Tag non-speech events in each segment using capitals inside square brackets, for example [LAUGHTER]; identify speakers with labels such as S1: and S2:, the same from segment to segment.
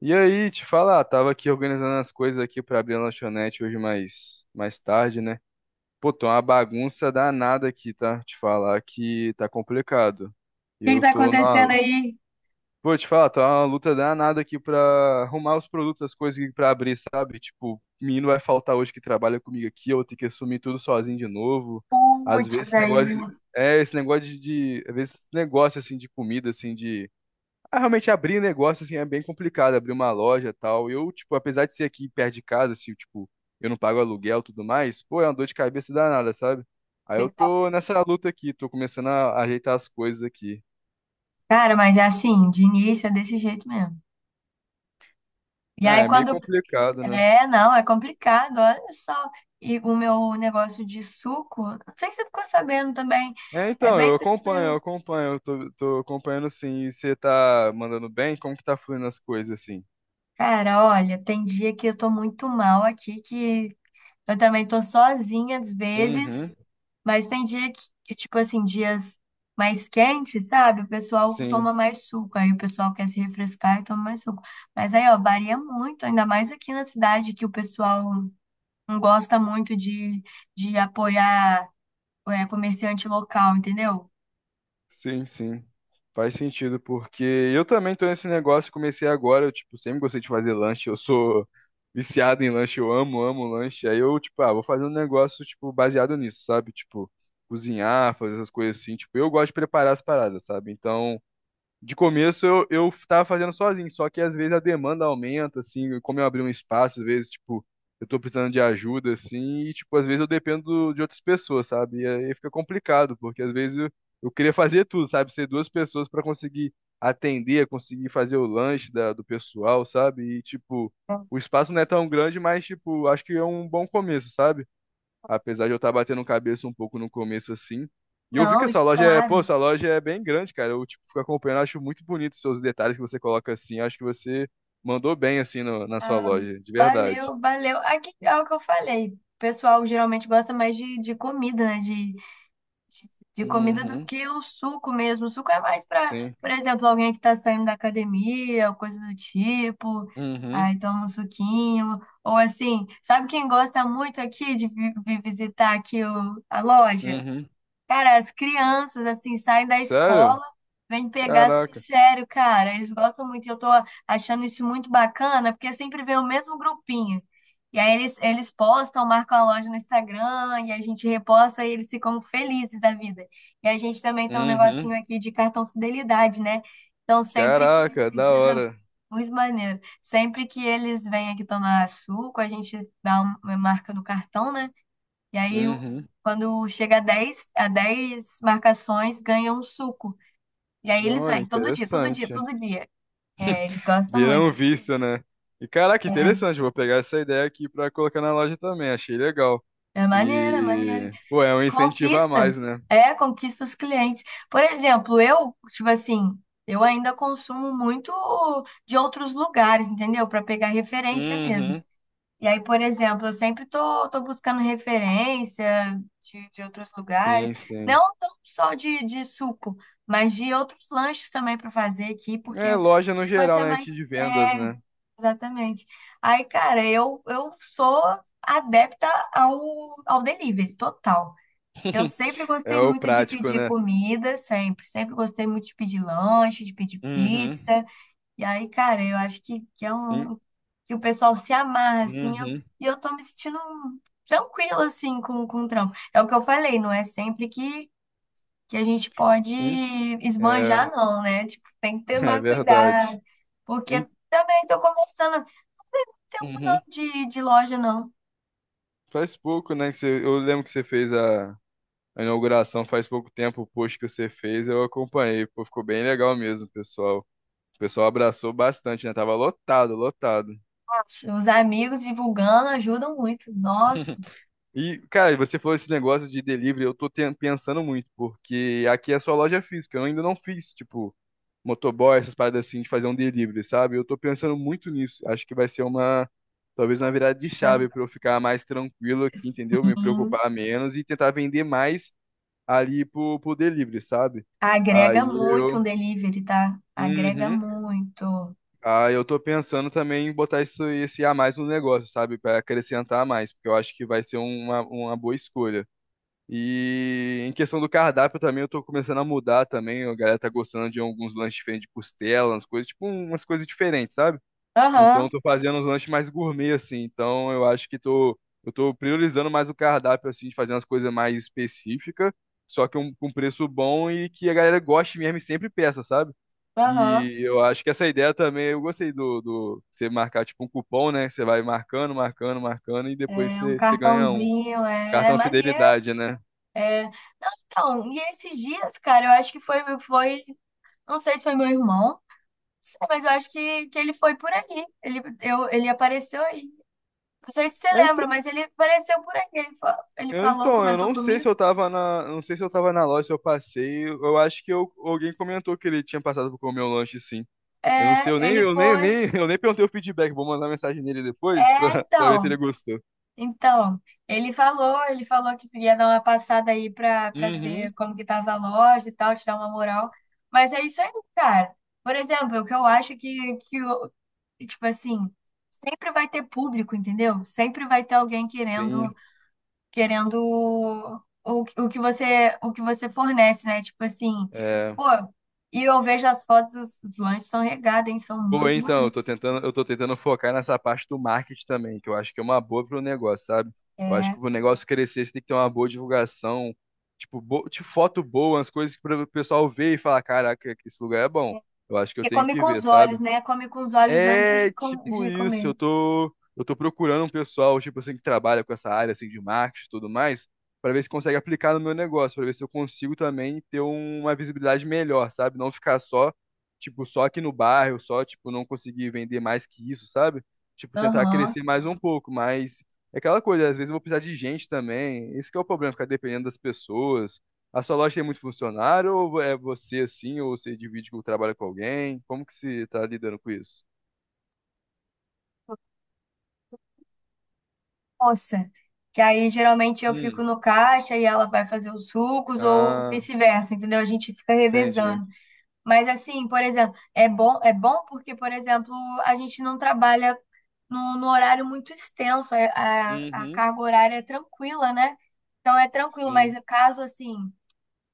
S1: E aí, te falar, tava aqui organizando as coisas aqui pra abrir a lanchonete hoje mais tarde, né? Pô, tô uma bagunça danada aqui, tá? Te falar que tá complicado.
S2: O que que
S1: Eu
S2: tá
S1: tô na.
S2: acontecendo aí?
S1: Pô, te falar, tá uma luta danada aqui pra arrumar os produtos, as coisas aqui pra abrir, sabe? Tipo, menino vai faltar hoje que trabalha comigo aqui, eu vou ter que assumir tudo sozinho de novo. Às vezes
S2: Putz,
S1: esse
S2: aí.
S1: negócio. É, esse negócio Às vezes esse negócio, assim, de comida, assim, realmente abrir um negócio assim é bem complicado, abrir uma loja e tal. Eu, tipo, apesar de ser aqui perto de casa, assim, tipo, eu não pago aluguel e tudo mais, pô, é uma dor de cabeça danada, sabe? Aí eu
S2: Verdade.
S1: tô nessa luta aqui, tô começando a ajeitar as coisas aqui.
S2: Cara, mas é assim, de início é desse jeito mesmo. E
S1: Ah,
S2: aí
S1: é meio
S2: quando.
S1: complicado, né?
S2: É, não, é complicado, olha só. E o meu negócio de suco, não sei se você ficou sabendo também,
S1: É,
S2: é
S1: então,
S2: bem
S1: eu acompanho, eu
S2: tranquilo.
S1: acompanho, eu tô acompanhando sim. E você tá mandando bem? Como que tá fluindo as coisas assim?
S2: Cara, olha, tem dia que eu tô muito mal aqui, que eu também tô sozinha às vezes.
S1: Uhum,
S2: Mas tem dia que tipo assim, dias mais quentes, sabe? O pessoal
S1: sim.
S2: toma mais suco, aí o pessoal quer se refrescar e toma mais suco. Mas aí, ó, varia muito, ainda mais aqui na cidade, que o pessoal não gosta muito de apoiar é, comerciante local, entendeu?
S1: Sim, sim. Faz sentido, porque eu também tô nesse negócio, comecei agora, eu, tipo, sempre gostei de fazer lanche, eu sou viciado em lanche, eu amo, amo lanche. Aí eu, tipo, vou fazer um negócio, tipo, baseado nisso, sabe? Tipo, cozinhar, fazer essas coisas assim, tipo, eu gosto de preparar as paradas, sabe? Então, de começo eu tava fazendo sozinho, só que às vezes a demanda aumenta, assim, como eu abri um espaço, às vezes, tipo, eu tô precisando de ajuda, assim, e, tipo, às vezes eu dependo de outras pessoas, sabe? E aí fica complicado, porque às vezes eu queria fazer tudo, sabe? Ser duas pessoas pra conseguir atender, conseguir fazer o lanche do pessoal, sabe? E, tipo, o espaço não é tão grande, mas, tipo, acho que é um bom começo, sabe? Apesar de eu estar batendo cabeça um pouco no começo assim. E eu vi que
S2: Não, e
S1: essa loja é, pô,
S2: claro,
S1: essa loja é bem grande, cara. Eu tipo fico acompanhando, acho muito bonito os seus detalhes que você coloca assim. Acho que você mandou bem assim na sua
S2: ah,
S1: loja, de verdade.
S2: valeu, valeu. Aqui é o que eu falei. O pessoal geralmente gosta mais de comida, né? De comida do
S1: Uhum,
S2: que o suco mesmo. O suco é mais para,
S1: sim.
S2: por exemplo, alguém que está saindo da academia, ou coisa do tipo.
S1: Uhum,
S2: Aí toma um suquinho. Ou assim, sabe quem gosta muito aqui de vir visitar aqui a loja?
S1: uhum.
S2: Cara, as crianças, assim, saem da
S1: Sério?
S2: escola, vêm pegar.
S1: Caraca.
S2: Sério, cara, eles gostam muito. E eu tô achando isso muito bacana, porque sempre vem o mesmo grupinho. E aí eles postam, marcam a loja no Instagram, e a gente reposta, e eles ficam felizes da vida. E a gente também tem um
S1: Uhum.
S2: negocinho aqui de cartão fidelidade, né? Então, sempre que.
S1: Caraca, da hora.
S2: Muito maneiro. Sempre que eles vêm aqui tomar suco, a gente dá uma marca no cartão, né? E aí,
S1: Uhum.
S2: quando chega a 10, a 10 marcações, ganha um suco. E aí eles
S1: Olha,
S2: vêm todo dia, todo dia,
S1: interessante.
S2: todo dia. É, eles gostam
S1: Vira um
S2: muito.
S1: vício, né? E caraca,
S2: É,
S1: interessante. Vou pegar essa ideia aqui pra colocar na loja também. Achei legal.
S2: é maneiro, é maneiro.
S1: E, pô, é um incentivo a
S2: Conquista,
S1: mais, né?
S2: é, conquista os clientes. Por exemplo, eu, tipo assim, eu ainda consumo muito de outros lugares, entendeu? Para pegar referência mesmo.
S1: Uhum.
S2: E aí, por exemplo, eu sempre tô buscando referência de outros lugares,
S1: Sim, sim.
S2: não tão só de suco, mas de outros lanches também para fazer aqui, porque
S1: É loja no
S2: vai
S1: geral,
S2: ser
S1: né? Aqui
S2: mais.
S1: de vendas,
S2: É,
S1: né?
S2: exatamente. Aí, cara, eu sou adepta ao delivery, total. Eu
S1: [LAUGHS]
S2: sempre
S1: É
S2: gostei
S1: o
S2: muito de
S1: prático,
S2: pedir
S1: né?
S2: comida, sempre. Sempre gostei muito de pedir lanche, de pedir
S1: Uhum.
S2: pizza. E aí, cara, eu acho que é
S1: Em-
S2: um que o pessoal se amarra, assim, eu,
S1: Uhum.
S2: e eu tô me sentindo tranquila, assim, com o trampo. É o que eu falei, não é sempre que a gente pode
S1: Em- É,
S2: esbanjar, não, né? Tipo, tem que
S1: [LAUGHS] é
S2: tomar
S1: verdade.
S2: cuidado, porque
S1: Em-
S2: também tô começando, não tem um não
S1: Uhum.
S2: de loja, não.
S1: Faz pouco, né? Que você, eu lembro que você fez a inauguração faz pouco tempo, o post que você fez, eu acompanhei. Pô, ficou bem legal mesmo, pessoal. O pessoal abraçou bastante, né? Tava lotado, lotado.
S2: Nossa, os amigos divulgando ajudam muito. Nossa,
S1: E, cara, você falou esse negócio de delivery, eu tô pensando muito, porque aqui é só loja física, eu ainda não fiz, tipo, motoboy, essas paradas assim, de fazer um delivery, sabe? Eu tô pensando muito nisso. Acho que vai ser talvez uma virada de
S2: poxa,
S1: chave pra eu ficar mais tranquilo aqui, entendeu? Me
S2: sim,
S1: preocupar menos e tentar vender mais ali pro delivery, sabe?
S2: agrega
S1: Aí
S2: muito um
S1: eu.
S2: delivery, tá? Agrega
S1: Uhum.
S2: muito.
S1: Ah, eu tô pensando também em botar isso, esse a mais no negócio, sabe? Para acrescentar mais, porque eu acho que vai ser uma boa escolha. E em questão do cardápio também, eu tô começando a mudar também. A galera tá gostando de alguns lanches diferentes de costela, umas coisas, tipo, umas coisas diferentes, sabe? Então eu
S2: Aham.
S1: tô fazendo uns lanches mais gourmet, assim. Então eu acho que tô, eu tô priorizando mais o cardápio, assim, de fazer umas coisas mais específicas, só que um, com preço bom e que a galera goste mesmo e sempre peça, sabe?
S2: Aham.
S1: E eu acho que essa ideia também, eu gostei do você marcar tipo um cupom, né? Que você vai marcando, marcando, marcando e depois
S2: É um
S1: você, você ganha um
S2: cartãozinho, é é
S1: cartão
S2: maneiro.
S1: fidelidade, né?
S2: É... Não, então, e esses dias, cara, eu acho que foi, não sei se foi meu irmão, não sei, mas eu acho que ele foi por aí. Ele apareceu aí. Não sei se você
S1: É,
S2: lembra,
S1: então,
S2: mas ele apareceu por aí. Ele, ele
S1: eu,
S2: falou,
S1: então, eu
S2: comentou
S1: não sei se
S2: comigo.
S1: eu tava na loja, se eu passei. Eu acho que alguém comentou que ele tinha passado por comer o lanche, sim. Eu não sei,
S2: É, ele
S1: eu nem,
S2: foi.
S1: nem, [LAUGHS] eu nem perguntei o feedback. Vou mandar mensagem nele depois
S2: É,
S1: pra ver se
S2: então.
S1: ele gostou.
S2: Então, ele falou que ia dar uma passada aí pra
S1: Uhum.
S2: ver como que tava a loja e tal, te dar uma moral. Mas é isso aí, cara. Por exemplo, o que eu acho que, tipo assim, sempre vai ter público, entendeu? Sempre vai ter alguém querendo,
S1: Sim.
S2: querendo o que você fornece, né? Tipo assim,
S1: É.
S2: pô, e eu vejo as fotos, os lanches são regados, hein? São
S1: Pô,
S2: muito
S1: então, eu tô
S2: bonitos.
S1: tentando, eu tô tentando focar nessa parte do marketing também, que eu acho que é uma boa pro negócio, sabe? Eu acho
S2: É.
S1: que pro negócio crescer, você tem que ter uma boa divulgação, tipo, bo tipo foto boa, as coisas para o pessoal ver e falar, caraca, que esse lugar é bom. Eu acho que eu
S2: E
S1: tenho
S2: come
S1: que
S2: com
S1: ver,
S2: os olhos,
S1: sabe?
S2: né? Come com os olhos antes de,
S1: É
S2: com,
S1: tipo
S2: de
S1: isso,
S2: comer.
S1: eu tô procurando um pessoal, tipo assim, que trabalha com essa área assim de marketing e tudo mais, pra ver se consegue aplicar no meu negócio, pra ver se eu consigo também ter uma visibilidade melhor, sabe? Não ficar só, tipo, só aqui no bairro, só, tipo, não conseguir vender mais que isso, sabe? Tipo, tentar
S2: Aham.
S1: crescer mais um pouco, mas é aquela coisa, às vezes eu vou precisar de gente também. Esse que é o problema, ficar dependendo das pessoas. A sua loja tem muito funcionário ou é você assim, ou você divide que trabalha com alguém? Como que você tá lidando com isso?
S2: Nossa, que aí geralmente eu fico
S1: Hum.
S2: no caixa e ela vai fazer os sucos ou
S1: Ah,
S2: vice-versa, entendeu? A gente fica
S1: entendi.
S2: revezando. Mas assim, por exemplo, é bom porque, por exemplo, a gente não trabalha no horário muito extenso, a
S1: Uhum.
S2: carga horária é tranquila, né? Então é tranquilo, mas
S1: Sim,
S2: caso assim,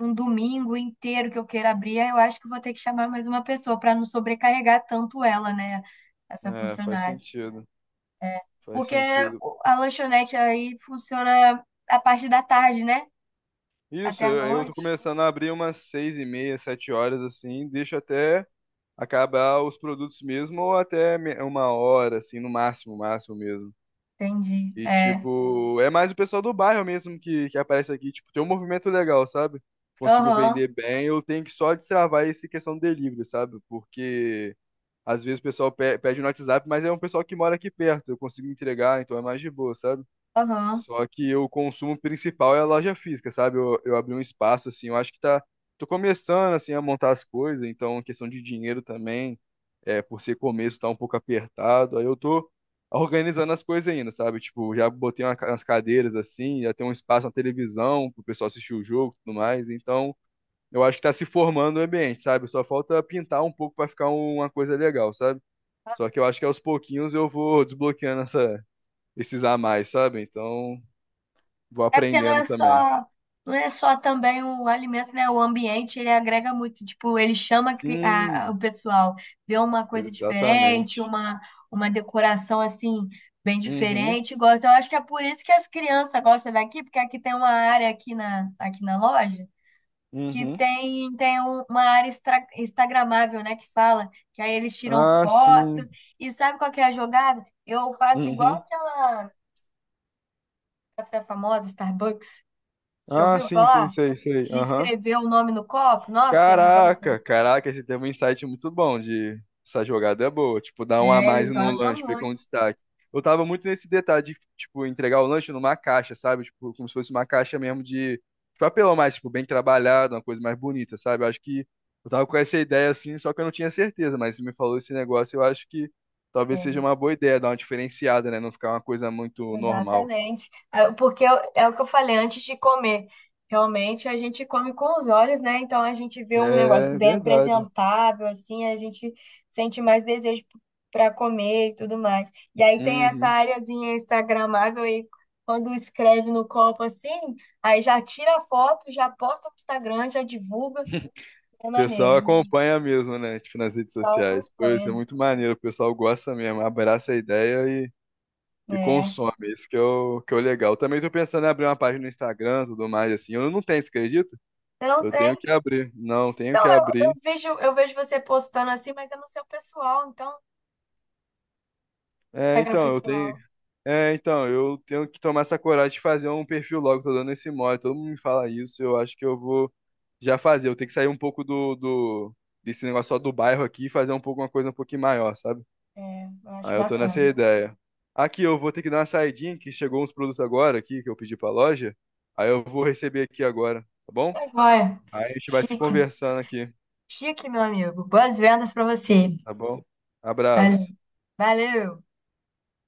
S2: um domingo inteiro que eu queira abrir, eu acho que vou ter que chamar mais uma pessoa para não sobrecarregar tanto ela, né? Essa
S1: é, faz
S2: funcionária.
S1: sentido,
S2: É.
S1: faz
S2: Porque
S1: sentido.
S2: a lanchonete aí funciona a parte da tarde, né?
S1: Isso,
S2: Até a
S1: eu tô
S2: noite.
S1: começando a abrir umas seis e meia, sete horas, assim, deixo até acabar os produtos mesmo, ou até uma hora, assim, no máximo, máximo mesmo.
S2: Entendi.
S1: E,
S2: É.
S1: tipo, é mais o pessoal do bairro mesmo que aparece aqui, tipo, tem um movimento legal, sabe? Consigo
S2: Aham,
S1: vender bem, eu tenho que só destravar essa questão do delivery, sabe? Porque... Às vezes o pessoal pede no WhatsApp, mas é um pessoal que mora aqui perto, eu consigo entregar, então é mais de boa, sabe?
S2: aham.
S1: Só que o consumo principal é a loja física, sabe? Eu abri um espaço, assim, eu acho que tá. Tô começando, assim, a montar as coisas, então é questão de dinheiro também, é, por ser começo, tá um pouco apertado, aí eu tô organizando as coisas ainda, sabe? Tipo, já botei umas cadeiras, assim, já tem um espaço na televisão pro pessoal assistir o jogo e tudo mais, então. Eu acho que tá se formando o ambiente, sabe? Só falta pintar um pouco pra ficar uma coisa legal, sabe? Só que eu acho que aos pouquinhos eu vou desbloqueando esses a mais, sabe? Então, vou
S2: É porque
S1: aprendendo também.
S2: não é só também o alimento, né? O ambiente, ele agrega muito. Tipo, ele chama a o
S1: Sim,
S2: pessoal, vê uma coisa diferente,
S1: exatamente.
S2: uma decoração assim, bem
S1: Uhum,
S2: diferente. Gosta. Eu acho que é por isso que as crianças gostam daqui, porque aqui tem uma área aqui na loja. Que
S1: uhum.
S2: tem, tem uma área instagramável, né, que fala, que aí eles tiram
S1: Ah,
S2: foto,
S1: sim.
S2: e sabe qual que é a jogada? Eu faço igual
S1: Uhum.
S2: aquela café famosa, Starbucks, já
S1: Ah,
S2: ouviu
S1: sim, sim,
S2: falar?
S1: sei, sei.
S2: De
S1: Aham.
S2: escrever o nome no copo, nossa, eles gostam,
S1: Caraca, caraca, esse tem um insight muito bom de essa jogada é boa, tipo, dar um a
S2: é, eles
S1: mais no
S2: gostam
S1: lanche, fica
S2: muito.
S1: um destaque. Eu tava muito nesse detalhe de, tipo, entregar o lanche numa caixa, sabe? Tipo, como se fosse uma caixa mesmo de papelão mais, tipo, bem trabalhado, uma coisa mais bonita, sabe? Eu acho que eu tava com essa ideia assim, só que eu não tinha certeza, mas você me falou esse negócio, eu acho que talvez seja
S2: É,
S1: uma boa ideia, dar uma diferenciada, né? Não ficar uma coisa muito normal.
S2: exatamente. É, porque é o que eu falei antes de comer. Realmente a gente come com os olhos, né? Então a gente vê um negócio
S1: É
S2: bem
S1: verdade.
S2: apresentável, assim, a gente sente mais desejo para comer e tudo mais. E aí tem essa
S1: Uhum.
S2: areazinha instagramável aí, quando escreve no copo assim, aí já tira a foto, já posta no Instagram, já divulga. É
S1: O
S2: maneiro,
S1: pessoal
S2: né?
S1: acompanha mesmo, né? Tipo, nas redes
S2: O
S1: sociais. Pô, isso é
S2: acompanha.
S1: muito maneiro. O pessoal gosta mesmo, abraça a ideia e
S2: É.
S1: consome. Isso que é o legal. Também tô pensando em abrir uma página no Instagram, tudo mais, assim. Eu não tenho, você acredita?
S2: Você não
S1: Eu tenho
S2: tem?
S1: que abrir. Não, tenho
S2: Então
S1: que abrir.
S2: eu vejo você postando assim, mas é no seu pessoal, então.
S1: É,
S2: Regra
S1: então, eu tenho.
S2: pessoal.
S1: É, então, eu tenho que tomar essa coragem de fazer um perfil logo. Tô dando esse mole. Todo mundo me fala isso. Eu acho que eu vou já fazer. Eu tenho que sair um pouco do, do desse negócio só do bairro aqui e fazer um pouco uma coisa um pouquinho maior, sabe?
S2: É, eu acho
S1: Aí eu tô nessa
S2: bacana.
S1: ideia. Aqui eu vou ter que dar uma saidinha, que chegou uns produtos agora aqui que eu pedi pra loja. Aí eu vou receber aqui agora, tá bom?
S2: Tá joia.
S1: Aí a gente vai se
S2: Chique.
S1: conversando aqui,
S2: Chique, meu amigo. Boas vendas pra você.
S1: tá bom?
S2: Valeu.
S1: Abraço.
S2: Valeu.